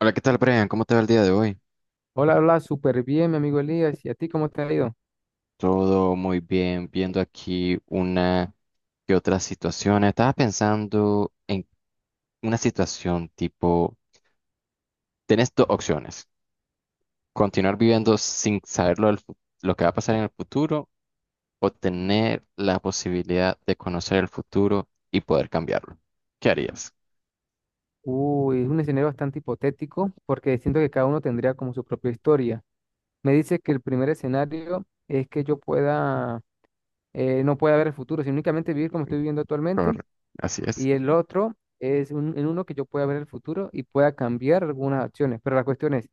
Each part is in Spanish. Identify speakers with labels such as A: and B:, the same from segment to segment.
A: Hola, ¿qué tal, Brian? ¿Cómo te va el día de hoy?
B: Hola, hola, súper bien, mi amigo Elías. ¿Y a ti cómo te ha ido?
A: Todo muy bien, viendo aquí una que otra situación. Estaba pensando en una situación tipo, tenés dos opciones, continuar viviendo sin saber lo, lo que va a pasar en el futuro o tener la posibilidad de conocer el futuro y poder cambiarlo. ¿Qué harías?
B: Uy, es un escenario bastante hipotético porque siento que cada uno tendría como su propia historia. Me dice que el primer escenario es que yo pueda, no pueda ver el futuro, sino únicamente vivir como estoy viviendo actualmente.
A: Correcto. Así es.
B: Y el otro es en uno que yo pueda ver el futuro y pueda cambiar algunas acciones. Pero la cuestión es,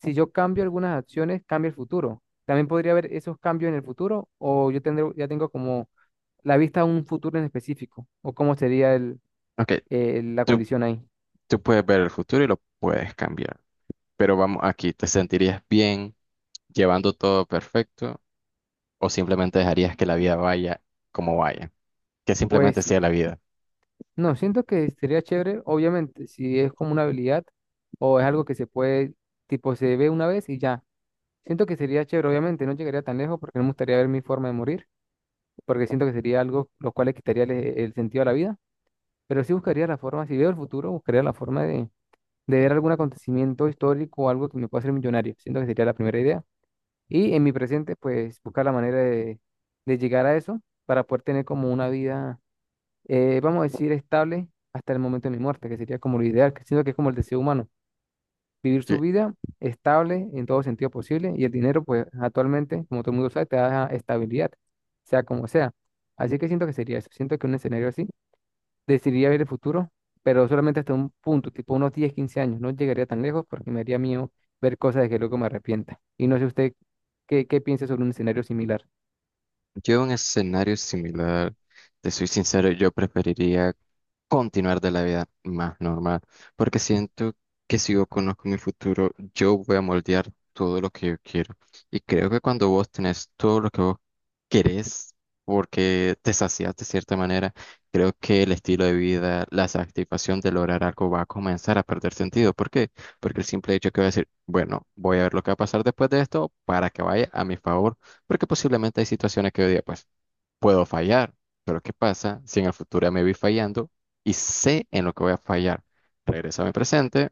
B: si yo cambio algunas acciones, cambia el futuro. ¿También podría haber esos cambios en el futuro o yo tendré, ya tengo como la vista a un futuro en específico? ¿O cómo sería
A: Ok,
B: la
A: tú,
B: condición ahí?
A: tú puedes ver el futuro y lo puedes cambiar. Pero vamos aquí, ¿te sentirías bien llevando todo perfecto o simplemente dejarías que la vida vaya como vaya? Que simplemente
B: Pues
A: sea la vida.
B: no, siento que sería chévere, obviamente, si es como una habilidad o es algo que se puede, tipo, se ve una vez y ya. Siento que sería chévere, obviamente, no llegaría tan lejos porque no me gustaría ver mi forma de morir, porque siento que sería algo lo cual le quitaría el sentido a la vida, pero sí buscaría la forma, si veo el futuro, buscaría la forma de ver algún acontecimiento histórico o algo que me pueda hacer millonario. Siento que sería la primera idea. Y en mi presente, pues buscar la manera de llegar a eso para poder tener como una vida vamos a decir, estable hasta el momento de mi muerte, que sería como lo ideal, que siento que es como el deseo humano, vivir su vida estable en todo sentido posible y el dinero, pues actualmente, como todo el mundo sabe, te da estabilidad, sea como sea. Así que siento que sería eso, siento que un escenario así decidiría ver el futuro, pero solamente hasta un punto, tipo unos 10 15 años. No llegaría tan lejos porque me haría miedo ver cosas de que luego me arrepienta. Y no sé usted qué, qué piensa sobre un escenario similar.
A: Yo un escenario similar, te soy sincero, yo preferiría continuar de la vida más normal, porque siento que si yo conozco mi futuro, yo voy a moldear todo lo que yo quiero. Y creo que cuando vos tenés todo lo que vos querés, porque te sacias de cierta manera, creo que el estilo de vida, la satisfacción de lograr algo va a comenzar a perder sentido. ¿Por qué? Porque el simple hecho que voy a decir, bueno, voy a ver lo que va a pasar después de esto para que vaya a mi favor porque posiblemente hay situaciones que yo diga, pues puedo fallar, pero ¿qué pasa si en el futuro ya me vi fallando y sé en lo que voy a fallar? Regreso a mi presente,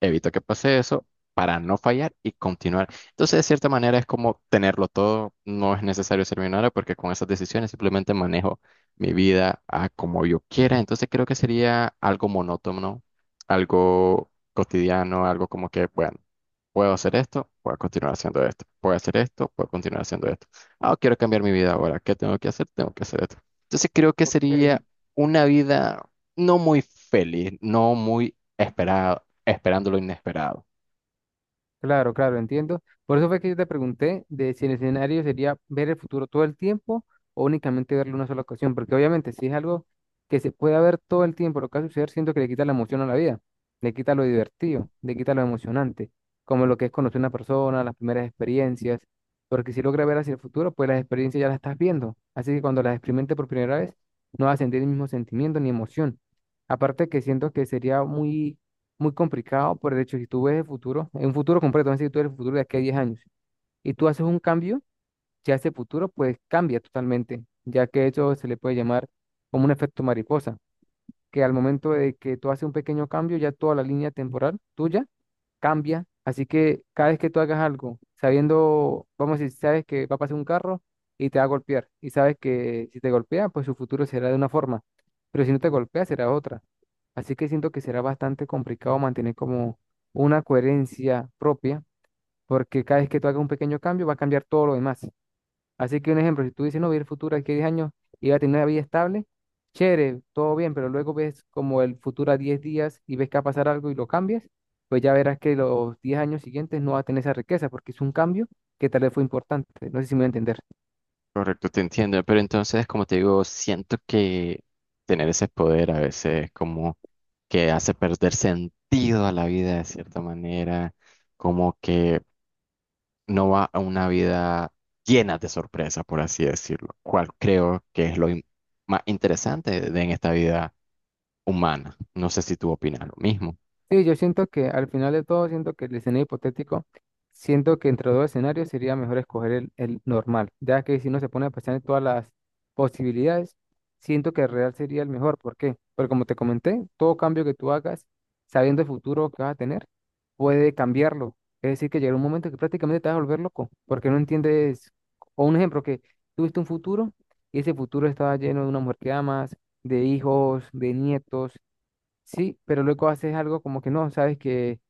A: evito que pase eso para no fallar y continuar. Entonces, de cierta manera, es como tenerlo todo, no es necesario ser millonario porque con esas decisiones simplemente manejo mi vida a como yo quiera. Entonces, creo que sería algo monótono, algo cotidiano, algo como que, bueno, puedo hacer esto, puedo continuar haciendo esto, puedo hacer esto, puedo continuar haciendo esto. Ah, quiero cambiar mi vida ahora. ¿Qué tengo que hacer? Tengo que hacer esto. Entonces creo que
B: Ok,
A: sería una vida no muy feliz, no muy esperado, esperando lo inesperado.
B: claro, claro, entiendo. Por eso fue que yo te pregunté de si el escenario sería ver el futuro todo el tiempo o únicamente verlo una sola ocasión, porque obviamente si es algo que se puede ver todo el tiempo, lo que va a suceder, siento que le quita la emoción a la vida, le quita lo divertido, le quita lo emocionante, como lo que es conocer a una persona, las primeras experiencias, porque si logra ver hacia el futuro, pues las experiencias ya las estás viendo, así que cuando las experimente por primera vez, no vas a sentir el mismo sentimiento ni emoción. Aparte que siento que sería muy muy complicado por el hecho, de si tú ves el futuro, en un futuro completo, es decir, tú eres el futuro de aquí a 10 años, y tú haces un cambio, ya ese futuro pues cambia totalmente, ya que eso se le puede llamar como un efecto mariposa, que al momento de que tú haces un pequeño cambio, ya toda la línea temporal tuya cambia. Así que cada vez que tú hagas algo, sabiendo, vamos a decir, sabes que va a pasar un carro y te va a golpear, y sabes que si te golpea, pues su futuro será de una forma, pero si no te golpea, será de otra. Así que siento que será bastante complicado mantener como una coherencia propia, porque cada vez que tú hagas un pequeño cambio, va a cambiar todo lo demás. Así que un ejemplo, si tú dices, no, voy a ir al futuro aquí a 10 años y voy a tener una vida estable, chévere, todo bien, pero luego ves como el futuro a 10 días y ves que va a pasar algo y lo cambias, pues ya verás que los 10 años siguientes no va a tener esa riqueza porque es un cambio que tal vez fue importante. No sé si me voy a entender.
A: Correcto, te entiendo. Pero entonces, como te digo, siento que tener ese poder a veces como que hace perder sentido a la vida de cierta manera, como que no va a una vida llena de sorpresas, por así decirlo, cual creo que es más interesante de, en esta vida humana. No sé si tú opinas lo mismo.
B: Sí, yo siento que al final de todo, siento que el escenario hipotético, siento que entre los dos escenarios sería mejor escoger el normal, ya que si uno se pone a pensar en todas las posibilidades, siento que el real sería el mejor. ¿Por qué? Porque como te comenté, todo cambio que tú hagas, sabiendo el futuro que vas a tener, puede cambiarlo. Es decir, que llegará un momento que prácticamente te vas a volver loco, porque no entiendes, o un ejemplo, que tuviste un futuro y ese futuro estaba lleno de una mujer que amas, de hijos, de nietos. Sí, pero luego haces algo como que no, sabes que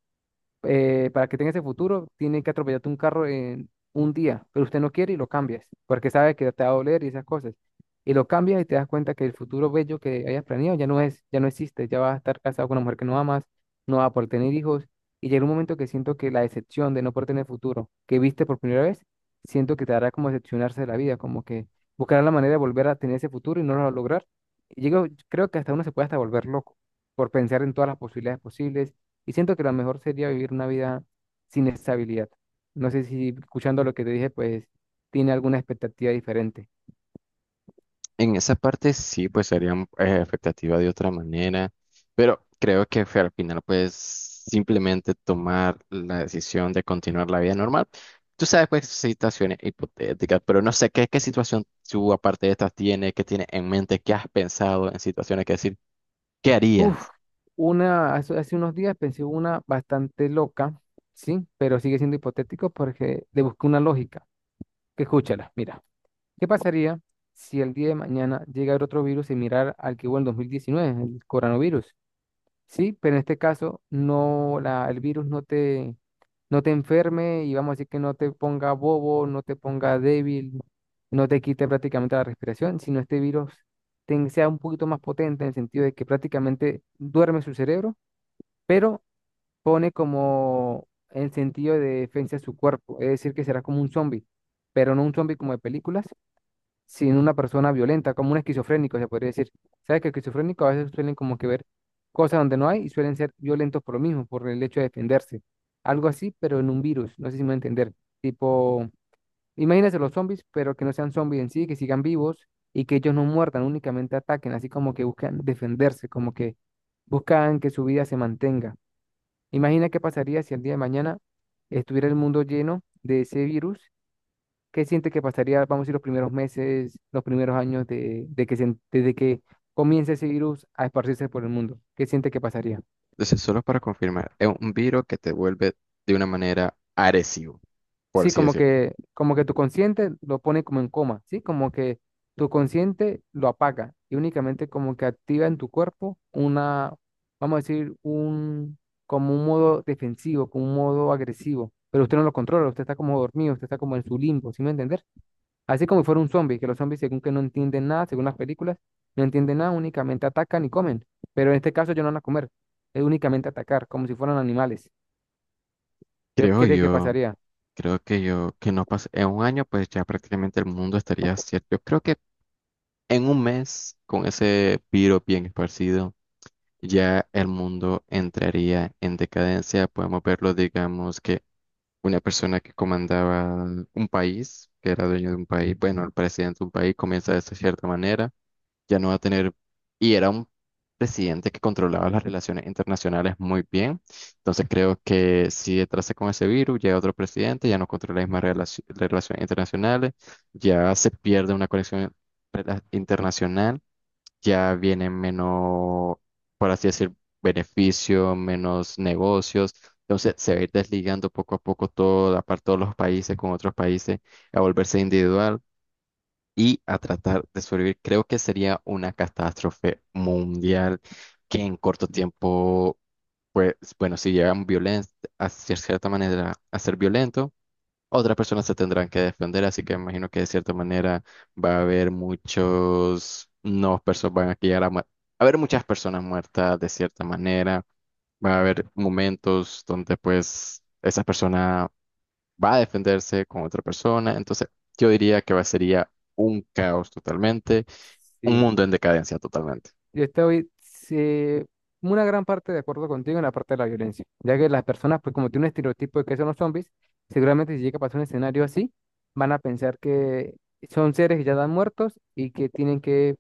B: para que tenga ese futuro, tiene que atropellarte un carro en un día, pero usted no quiere y lo cambias, porque sabe que te va a doler y esas cosas. Y lo cambias y te das cuenta que el futuro bello que hayas planeado ya no es, ya no existe, ya vas a estar casado con una mujer que no amas, no vas a poder tener hijos. Y llega un momento que siento que la decepción de no poder tener futuro que viste por primera vez, siento que te hará como decepcionarse de la vida, como que buscarás la manera de volver a tener ese futuro y no lo vas a lograr. Y llego, creo que hasta uno se puede hasta volver loco por pensar en todas las posibilidades posibles y siento que lo mejor sería vivir una vida sin estabilidad. No sé si escuchando lo que te dije, pues tiene alguna expectativa diferente.
A: En esa parte sí, pues serían expectativas de otra manera, pero creo que fue al final, pues simplemente tomar la decisión de continuar la vida normal. Tú sabes, pues, situaciones hipotéticas, pero no sé qué situación tú, aparte de estas, tienes, qué tienes en mente, qué has pensado en situaciones que decir, ¿qué
B: Uf,
A: harías?
B: una, hace unos días pensé una bastante loca, sí, pero sigue siendo hipotético porque le busqué una lógica. Que escúchala, mira, ¿qué pasaría si el día de mañana llega otro virus similar al que hubo en 2019, el coronavirus? Sí, pero en este caso no la, el virus no te, no te enferme y vamos a decir que no te ponga bobo, no te ponga débil, no te quite prácticamente la respiración, sino este virus sea un poquito más potente en el sentido de que prácticamente duerme su cerebro, pero pone como el sentido de defensa a su cuerpo, es decir, que será como un zombie, pero no un zombie como de películas, sin una persona violenta, como un esquizofrénico, se podría decir. ¿Sabes que esquizofrénicos a veces suelen como que ver cosas donde no hay y suelen ser violentos por lo mismo, por el hecho de defenderse? Algo así, pero en un virus, no sé si me voy a entender. Tipo, imagínense los zombies, pero que no sean zombies en sí, que sigan vivos y que ellos no muerdan, únicamente ataquen, así como que buscan defenderse, como que buscan que su vida se mantenga. Imagina qué pasaría si el día de mañana estuviera el mundo lleno de ese virus. ¿Qué siente que pasaría, vamos a decir, los primeros meses, los primeros años de que desde que comience ese virus a esparcirse por el mundo? ¿Qué siente que pasaría?
A: Entonces, solo para confirmar, es un virus que te vuelve de una manera agresivo, por
B: Sí,
A: así decirlo.
B: como que tu consciente lo pone como en coma, ¿sí? Como que tu consciente lo apaga y únicamente como que activa en tu cuerpo una, vamos a decir, un, como un modo defensivo, como un modo agresivo, pero usted no lo controla, usted está como dormido, usted está como en su limbo, ¿sí me entiende? Así como si fuera un zombie, que los zombies, según que no entienden nada, según las películas, no entienden nada, únicamente atacan y comen. Pero en este caso ellos no van a comer, es únicamente atacar, como si fueran animales. ¿Qué
A: Creo
B: cree que
A: yo.
B: pasaría?
A: Creo que yo, que no pase, en un año, pues ya prácticamente el mundo estaría cierto. Yo creo que en un mes, con ese virus bien esparcido, ya el mundo entraría en decadencia. Podemos verlo, digamos, que una persona que comandaba un país, que era dueño de un país, bueno, el presidente de un país comienza de esa cierta manera ya no va a tener, y era un presidente que controlaba las relaciones internacionales muy bien, entonces creo que si entrase con ese virus, llega otro presidente, ya no controla las mismas relaciones internacionales, ya se pierde una conexión internacional, ya viene menos, por así decir, beneficio, menos negocios, entonces se va a ir desligando poco a poco toda, aparte todos los países con otros países, a volverse individual y a tratar de sobrevivir. Creo que sería una catástrofe mundial que en corto tiempo, pues, bueno, si llegan violen a cierta manera a ser violento, otras personas se tendrán que defender, así que me imagino que de cierta manera va a haber muchos, no, personas van a llegar a, va a haber muchas personas muertas de cierta manera, va a haber momentos donde pues esa persona va a defenderse con otra persona. Entonces, yo diría que va, sería un caos totalmente, un
B: Sí,
A: mundo en decadencia totalmente.
B: yo estoy sí, una gran parte de acuerdo contigo en la parte de la violencia, ya que las personas, pues como tienen un estereotipo de que son los zombies, seguramente si llega a pasar un escenario así, van a pensar que son seres que ya están muertos y que tienen que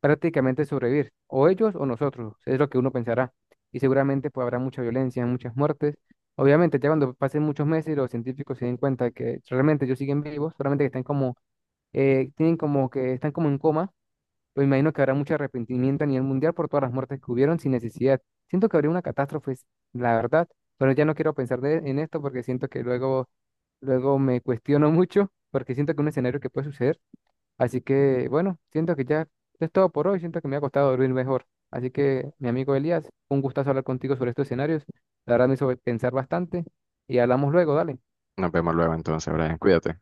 B: prácticamente sobrevivir, o ellos o nosotros, es lo que uno pensará. Y seguramente pues habrá mucha violencia, muchas muertes. Obviamente, ya cuando pasen muchos meses y los científicos se den cuenta que realmente ellos siguen vivos, solamente que están como, tienen como que están como en coma, pues imagino que habrá mucho arrepentimiento a nivel mundial por todas las muertes que hubieron sin necesidad. Siento que habría una catástrofe, la verdad, pero ya no quiero pensar en esto porque siento que luego, luego me cuestiono mucho, porque siento que es un escenario que puede suceder. Así que, bueno, siento que ya es todo por hoy. Siento que me ha costado dormir mejor. Así que, mi amigo Elías, un gustazo hablar contigo sobre estos escenarios. La verdad me hizo pensar bastante y hablamos luego, dale.
A: Nos vemos luego entonces, Brian, cuídate.